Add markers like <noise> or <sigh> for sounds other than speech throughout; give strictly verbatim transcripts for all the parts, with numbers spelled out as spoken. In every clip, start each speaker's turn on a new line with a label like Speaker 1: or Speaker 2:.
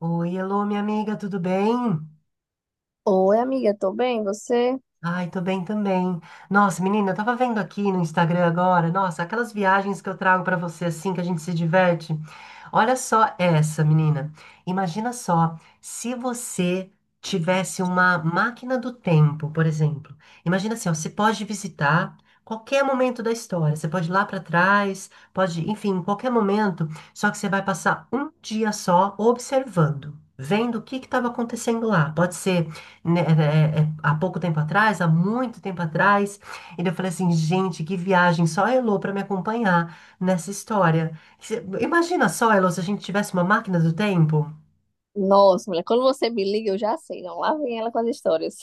Speaker 1: Oi, alô, minha amiga, tudo bem?
Speaker 2: Oi, amiga, tô bem, você?
Speaker 1: Ai, tô bem também. Nossa, menina, eu tava vendo aqui no Instagram agora, nossa, aquelas viagens que eu trago pra você assim que a gente se diverte. Olha só essa, menina. Imagina só, se você tivesse uma máquina do tempo, por exemplo. Imagina assim, ó, você pode visitar qualquer momento da história. Você pode ir lá pra trás, pode, enfim, qualquer momento, só que você vai passar um dia só observando. Vendo o que que estava acontecendo lá. Pode ser, né, é, é, é, há pouco tempo atrás, há muito tempo atrás, e eu falei assim, gente, que viagem, só a Elô para me acompanhar nessa história. Se- Imagina só, Elô, se a gente tivesse uma máquina do tempo.
Speaker 2: Nossa, mulher, quando você me liga, eu já sei, não, lá vem ela com as histórias.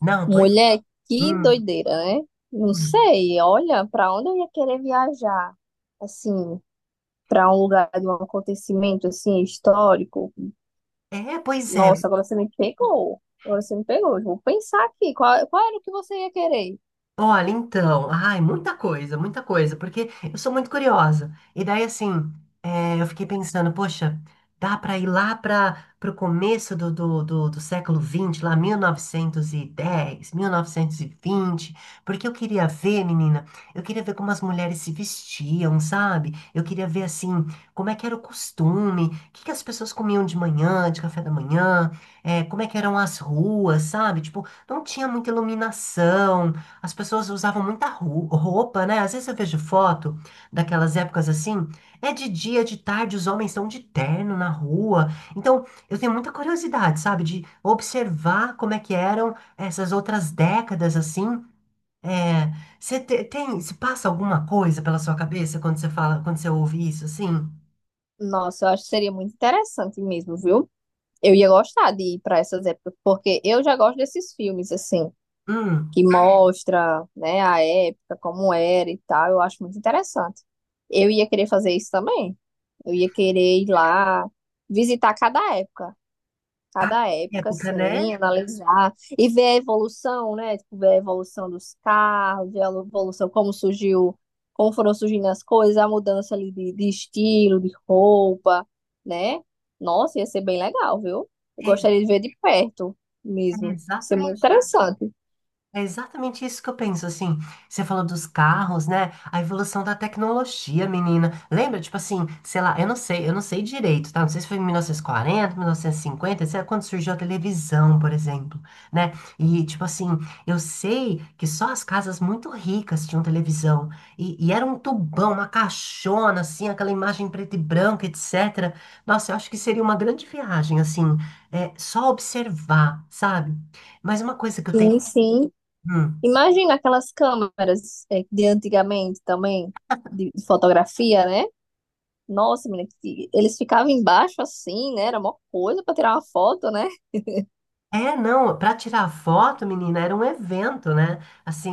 Speaker 2: <laughs>
Speaker 1: Não, pois.
Speaker 2: Mulher, que
Speaker 1: Hum.
Speaker 2: doideira, né? Não
Speaker 1: Hum.
Speaker 2: sei, olha, pra onde eu ia querer viajar? Assim, pra um lugar de um acontecimento, assim, histórico.
Speaker 1: É, pois é.
Speaker 2: Nossa, agora você me pegou, agora você me pegou. Eu vou pensar aqui, qual, qual era o que você ia querer?
Speaker 1: Olha, então, ai, muita coisa, muita coisa, porque eu sou muito curiosa. E daí, assim, é, eu fiquei pensando, poxa, dá para ir lá para o começo do, do, do, do século vinte, lá mil mil novecentos novecentos e dez, mil novecentos e vinte, porque eu queria ver, menina, eu queria ver como as mulheres se vestiam, sabe? Eu queria ver, assim, como é que era o costume, o que que as pessoas comiam de manhã, de café da manhã, é, como é que eram as ruas, sabe? Tipo, não tinha muita iluminação, as pessoas usavam muita ru- roupa, né? Às vezes eu vejo foto daquelas épocas assim. É de dia, de tarde, os homens estão de terno na rua. Então, eu tenho muita curiosidade, sabe? De observar como é que eram essas outras décadas assim. É, você te- tem, se passa alguma coisa pela sua cabeça quando você fala, quando você ouve isso assim?
Speaker 2: Nossa, eu acho que seria muito interessante mesmo, viu? Eu ia gostar de ir pra essas épocas, porque eu já gosto desses filmes, assim,
Speaker 1: Hum,
Speaker 2: que mostra, né, a época, como era e tal. Eu acho muito interessante. Eu ia querer fazer isso também. Eu ia querer ir lá visitar cada época,
Speaker 1: cada
Speaker 2: cada época,
Speaker 1: época,
Speaker 2: assim,
Speaker 1: né?
Speaker 2: analisar e ver a evolução, né? Tipo, ver a evolução dos carros, ver a evolução, como surgiu, como foram surgindo as coisas, a mudança ali de, de estilo, de roupa, né? Nossa, ia ser bem legal, viu? Eu
Speaker 1: É,
Speaker 2: gostaria de ver de perto
Speaker 1: é
Speaker 2: mesmo. Ia ser muito
Speaker 1: exatamente
Speaker 2: interessante.
Speaker 1: É exatamente isso que eu penso, assim. Você falou dos carros, né? A evolução da tecnologia, menina. Lembra, tipo assim, sei lá, eu não sei, eu não sei direito, tá? Não sei se foi em mil novecentos e quarenta, mil novecentos e cinquenta, sei lá, quando surgiu a televisão, por exemplo, né? E, tipo assim, eu sei que só as casas muito ricas tinham televisão. E, e era um tubão, uma caixona, assim, aquela imagem preta e branca, etcétera. Nossa, eu acho que seria uma grande viagem, assim, é, só observar, sabe? Mas uma coisa que eu tenho.
Speaker 2: Sim, sim.
Speaker 1: Hum.
Speaker 2: Imagina aquelas câmeras, é, de antigamente também, de, de fotografia, né? Nossa, menina, que- eles ficavam embaixo assim, né? Era uma coisa para tirar uma foto, né?
Speaker 1: É, não, para tirar foto, menina, era um evento, né? Assim,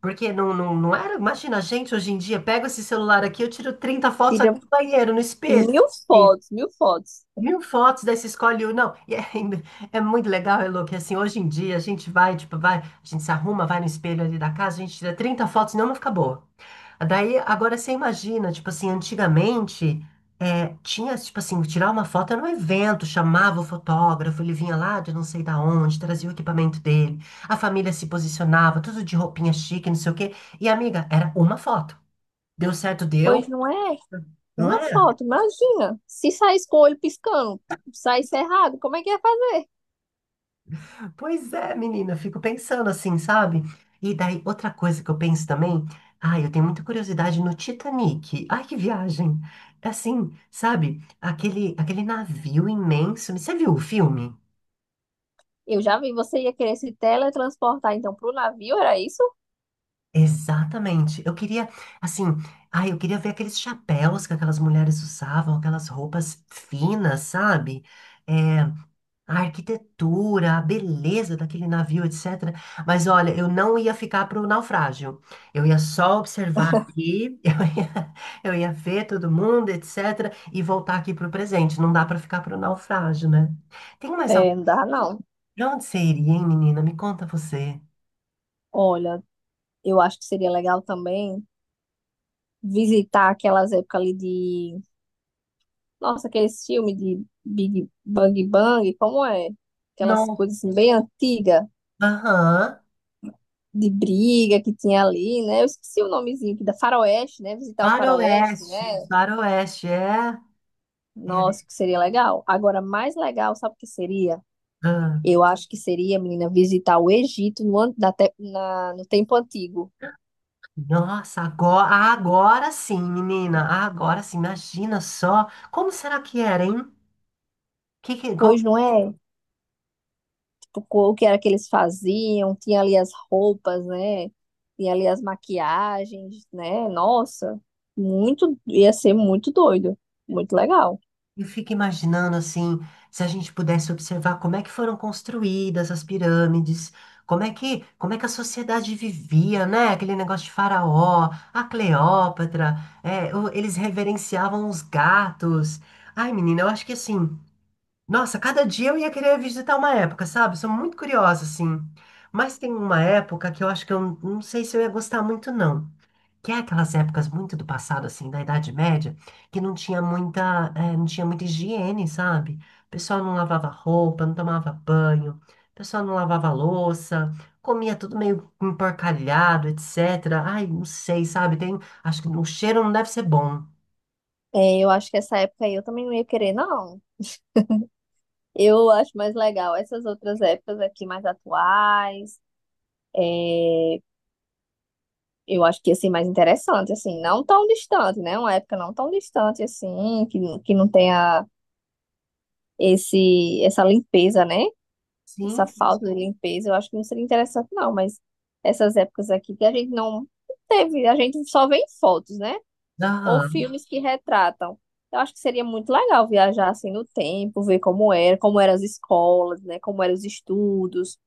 Speaker 1: porque não, não, não era. Imagina, a gente hoje em dia pega esse celular aqui, eu tiro trinta fotos ali
Speaker 2: Tira
Speaker 1: no banheiro, no espelho.
Speaker 2: mil
Speaker 1: Assim,
Speaker 2: fotos, mil fotos.
Speaker 1: mil fotos, daí você escolhe um. Não, e é, ainda- é muito legal, Elô, que assim, hoje em dia a gente vai, tipo, vai, a gente se arruma, vai no espelho ali da casa, a gente tira trinta fotos, não, não fica boa. Daí, agora você imagina, tipo assim, antigamente, é, tinha, tipo assim, tirar uma foto era um evento, chamava o fotógrafo, ele vinha lá de não sei da onde, trazia o equipamento dele, a família se posicionava, tudo de roupinha chique, não sei o quê. E, amiga, era uma foto. Deu certo, deu,
Speaker 2: Pois não é
Speaker 1: não
Speaker 2: uma
Speaker 1: é?
Speaker 2: foto, imagina. Se saísse com o olho piscando, saísse errado, como é que ia fazer?
Speaker 1: Pois é, menina, eu fico pensando assim, sabe? E daí, outra coisa que eu penso também, ai, eu tenho muita curiosidade no Titanic. Ai, que viagem! É assim, sabe? Aquele, aquele navio imenso. Você viu o filme?
Speaker 2: Eu já vi, você ia querer se teletransportar então pro navio, era isso?
Speaker 1: Exatamente. Eu queria, assim, ai, eu queria ver aqueles chapéus que aquelas mulheres usavam, aquelas roupas finas, sabe? É, a arquitetura, a beleza daquele navio, etcétera. Mas olha, eu não ia ficar para o naufrágio. Eu ia só observar aqui, <laughs> eu ia, eu ia ver todo mundo, etcétera. E voltar aqui para o presente. Não dá para ficar para o naufrágio, né? Tem mais algum?
Speaker 2: É, não dá não.
Speaker 1: Pra onde você iria, hein, menina? Me conta você.
Speaker 2: Olha, eu acho que seria legal também visitar aquelas épocas ali de... Nossa, aqueles filmes de Big Bang Bang, como é? Aquelas
Speaker 1: Não.
Speaker 2: coisas assim, bem antigas,
Speaker 1: Aham.
Speaker 2: de briga que tinha ali, né? Eu esqueci o nomezinho aqui, da Faroeste, né? Visitar o Faroeste,
Speaker 1: Faroeste.
Speaker 2: né?
Speaker 1: Faroeste, é.
Speaker 2: Nossa,
Speaker 1: É.
Speaker 2: que seria legal. Agora, mais legal, sabe o que seria?
Speaker 1: Ah,
Speaker 2: Eu acho que seria, menina, visitar o Egito no, an- na, te- na- no tempo antigo.
Speaker 1: nossa, agora, agora sim, menina. Agora sim, imagina só. Como será que era, hein? Que, que- igual
Speaker 2: Pois não é? O co- o que era que eles faziam, tinha ali as roupas, né? Tinha ali as maquiagens, né? Nossa, muito, ia ser muito doido, muito legal.
Speaker 1: eu fico imaginando assim, se a gente pudesse observar como é que foram construídas as pirâmides, como é que, como é que a sociedade vivia, né? Aquele negócio de faraó, a Cleópatra, é, o- eles reverenciavam os gatos. Ai, menina, eu acho que assim, nossa, cada dia eu ia querer visitar uma época, sabe? Sou muito curiosa, assim. Mas tem uma época que eu acho que eu não sei se eu ia gostar muito, não. Que é aquelas épocas muito do passado, assim, da Idade Média, que não tinha muita, eh, não tinha muita higiene, sabe? O pessoal não lavava roupa, não tomava banho, o pessoal não lavava louça, comia tudo meio emporcalhado, etcétera. Ai, não sei, sabe? Tem, acho que o cheiro não deve ser bom.
Speaker 2: É, eu acho que essa época aí eu também não ia querer, não. Eu acho mais legal essas outras épocas aqui mais atuais. É, eu acho que ia ser mais interessante, assim, não tão distante, né? Uma época não tão distante assim, que, que não tenha esse, essa limpeza, né? Essa
Speaker 1: Sim.
Speaker 2: falta de limpeza, eu acho que não seria interessante, não, mas essas épocas aqui que a gente não teve, a gente só vê em fotos, né? Ou
Speaker 1: Aham.
Speaker 2: filmes que retratam. Eu acho que seria muito legal viajar assim no tempo, ver como era, como eram as escolas, né? Como eram os estudos,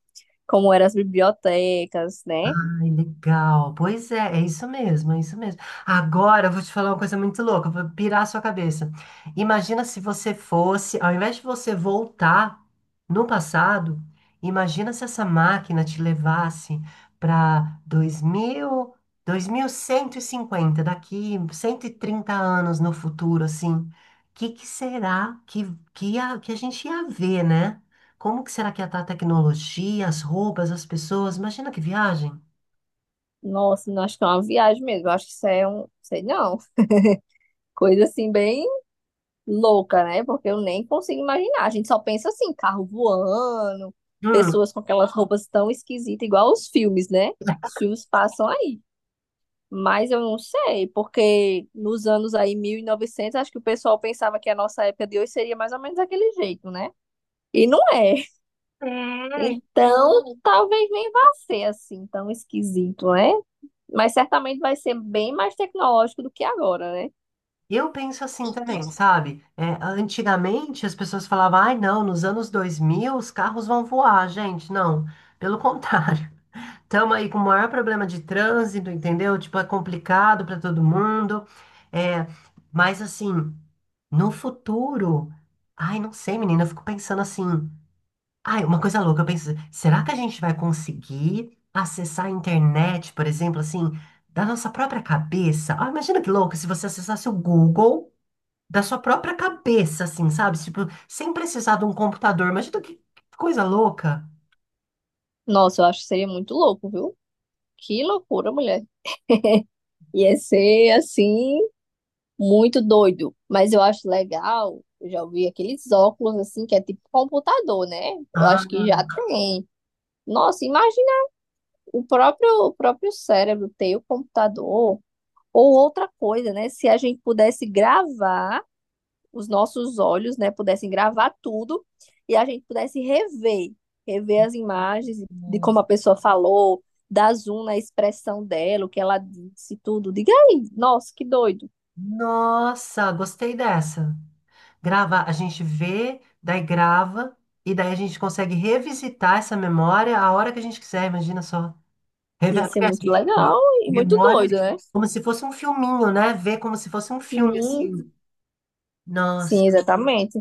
Speaker 2: como eram as bibliotecas, né?
Speaker 1: Ai, legal. Pois é, é isso mesmo, é isso mesmo. Agora eu vou te falar uma coisa muito louca, vou pirar a sua cabeça. Imagina se você fosse, ao invés de você voltar no passado, imagina se essa máquina te levasse para dois dois mil, dois mil cento e cinquenta, daqui cento e trinta anos no futuro, assim. O que que será que, que, a, que a gente ia ver, né? Como que será que ia estar a tecnologia, as roupas, as pessoas? Imagina que viagem.
Speaker 2: Nossa, não, acho que é uma viagem mesmo. Eu acho que isso é um, sei não, coisa assim bem louca, né? Porque eu nem consigo imaginar. A gente só pensa assim, carro voando,
Speaker 1: Hum,
Speaker 2: pessoas com aquelas roupas tão esquisitas, igual os filmes, né? Os filmes passam aí. Mas eu não sei, porque nos anos aí mil e novecentos acho que o pessoal pensava que a nossa época de hoje seria mais ou menos daquele jeito, né? E não é.
Speaker 1: é,
Speaker 2: Então, talvez nem vá ser assim tão esquisito, né? Mas certamente vai ser bem mais tecnológico do que agora, né?
Speaker 1: eu penso assim também, sabe? É, antigamente as pessoas falavam, ai não, nos anos dois mil os carros vão voar, gente. Não, pelo contrário. <laughs> Estamos aí com o maior problema de trânsito, entendeu? Tipo, é complicado para todo mundo. É, mas assim, no futuro, ai, não sei, menina, eu fico pensando assim. Ai, uma coisa louca, eu penso, assim, será que a gente vai conseguir acessar a internet, por exemplo, assim, da nossa própria cabeça? Ah, imagina que louco se você acessasse o Google da sua própria cabeça, assim, sabe? Tipo, sem precisar de um computador. Imagina que que coisa louca.
Speaker 2: Nossa, eu acho que seria muito louco, viu? Que loucura, mulher. Ia ser assim, muito doido. Mas eu acho legal. Eu já ouvi aqueles óculos assim, que é tipo computador, né? Eu
Speaker 1: Ah,
Speaker 2: acho que já tem. Nossa, imagina o próprio, o próprio cérebro ter o computador. Ou outra coisa, né? Se a gente pudesse gravar os nossos olhos, né? Pudessem gravar tudo e a gente pudesse rever, rever as imagens de como a pessoa falou, dar zoom na expressão dela, o que ela disse, tudo. Diga aí, nossa, que doido.
Speaker 1: nossa, gostei dessa. Grava, a gente vê, daí grava, e daí a gente consegue revisitar essa memória a hora que a gente quiser, imagina só.
Speaker 2: Ia
Speaker 1: Revela,
Speaker 2: ser
Speaker 1: porque, assim,
Speaker 2: muito legal e muito
Speaker 1: memória
Speaker 2: doido, né?
Speaker 1: como se fosse um filminho, né? Ver como se fosse um filme,
Speaker 2: Sim,
Speaker 1: assim. Nossa.
Speaker 2: sim, exatamente.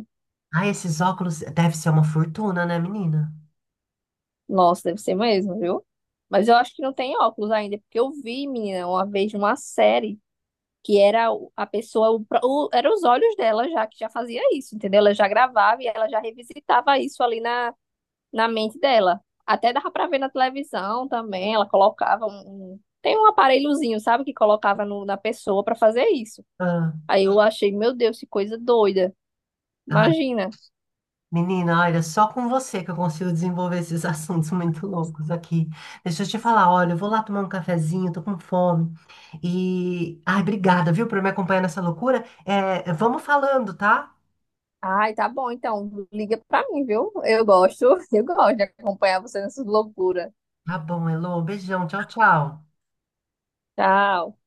Speaker 1: Ai, esses óculos deve ser uma fortuna, né, menina?
Speaker 2: Nossa, deve ser mesmo, viu? Mas eu acho que não tem óculos ainda, porque eu vi, menina, uma vez numa série que era o- a pessoa, o, pró- o, era os olhos dela já que já fazia isso, entendeu? Ela já gravava e ela já revisitava isso ali na, na mente dela. Até dava pra ver na televisão também, ela colocava um, um- tem um aparelhozinho, sabe, que colocava no- na pessoa pra fazer isso.
Speaker 1: Ah,
Speaker 2: Aí eu achei, meu Deus, que coisa doida.
Speaker 1: ai,
Speaker 2: Imagina.
Speaker 1: menina, olha, só com você que eu consigo desenvolver esses <laughs> assuntos muito loucos aqui. Deixa eu te falar, olha, eu vou lá tomar um cafezinho, tô com fome. E, ai, obrigada, viu, por me acompanhar nessa loucura. É, vamos falando, tá?
Speaker 2: Ai, tá bom, então liga pra mim, viu? Eu gosto, <laughs> eu gosto de acompanhar você nessas loucuras.
Speaker 1: Tá bom, Elô, beijão, tchau, tchau.
Speaker 2: Tchau.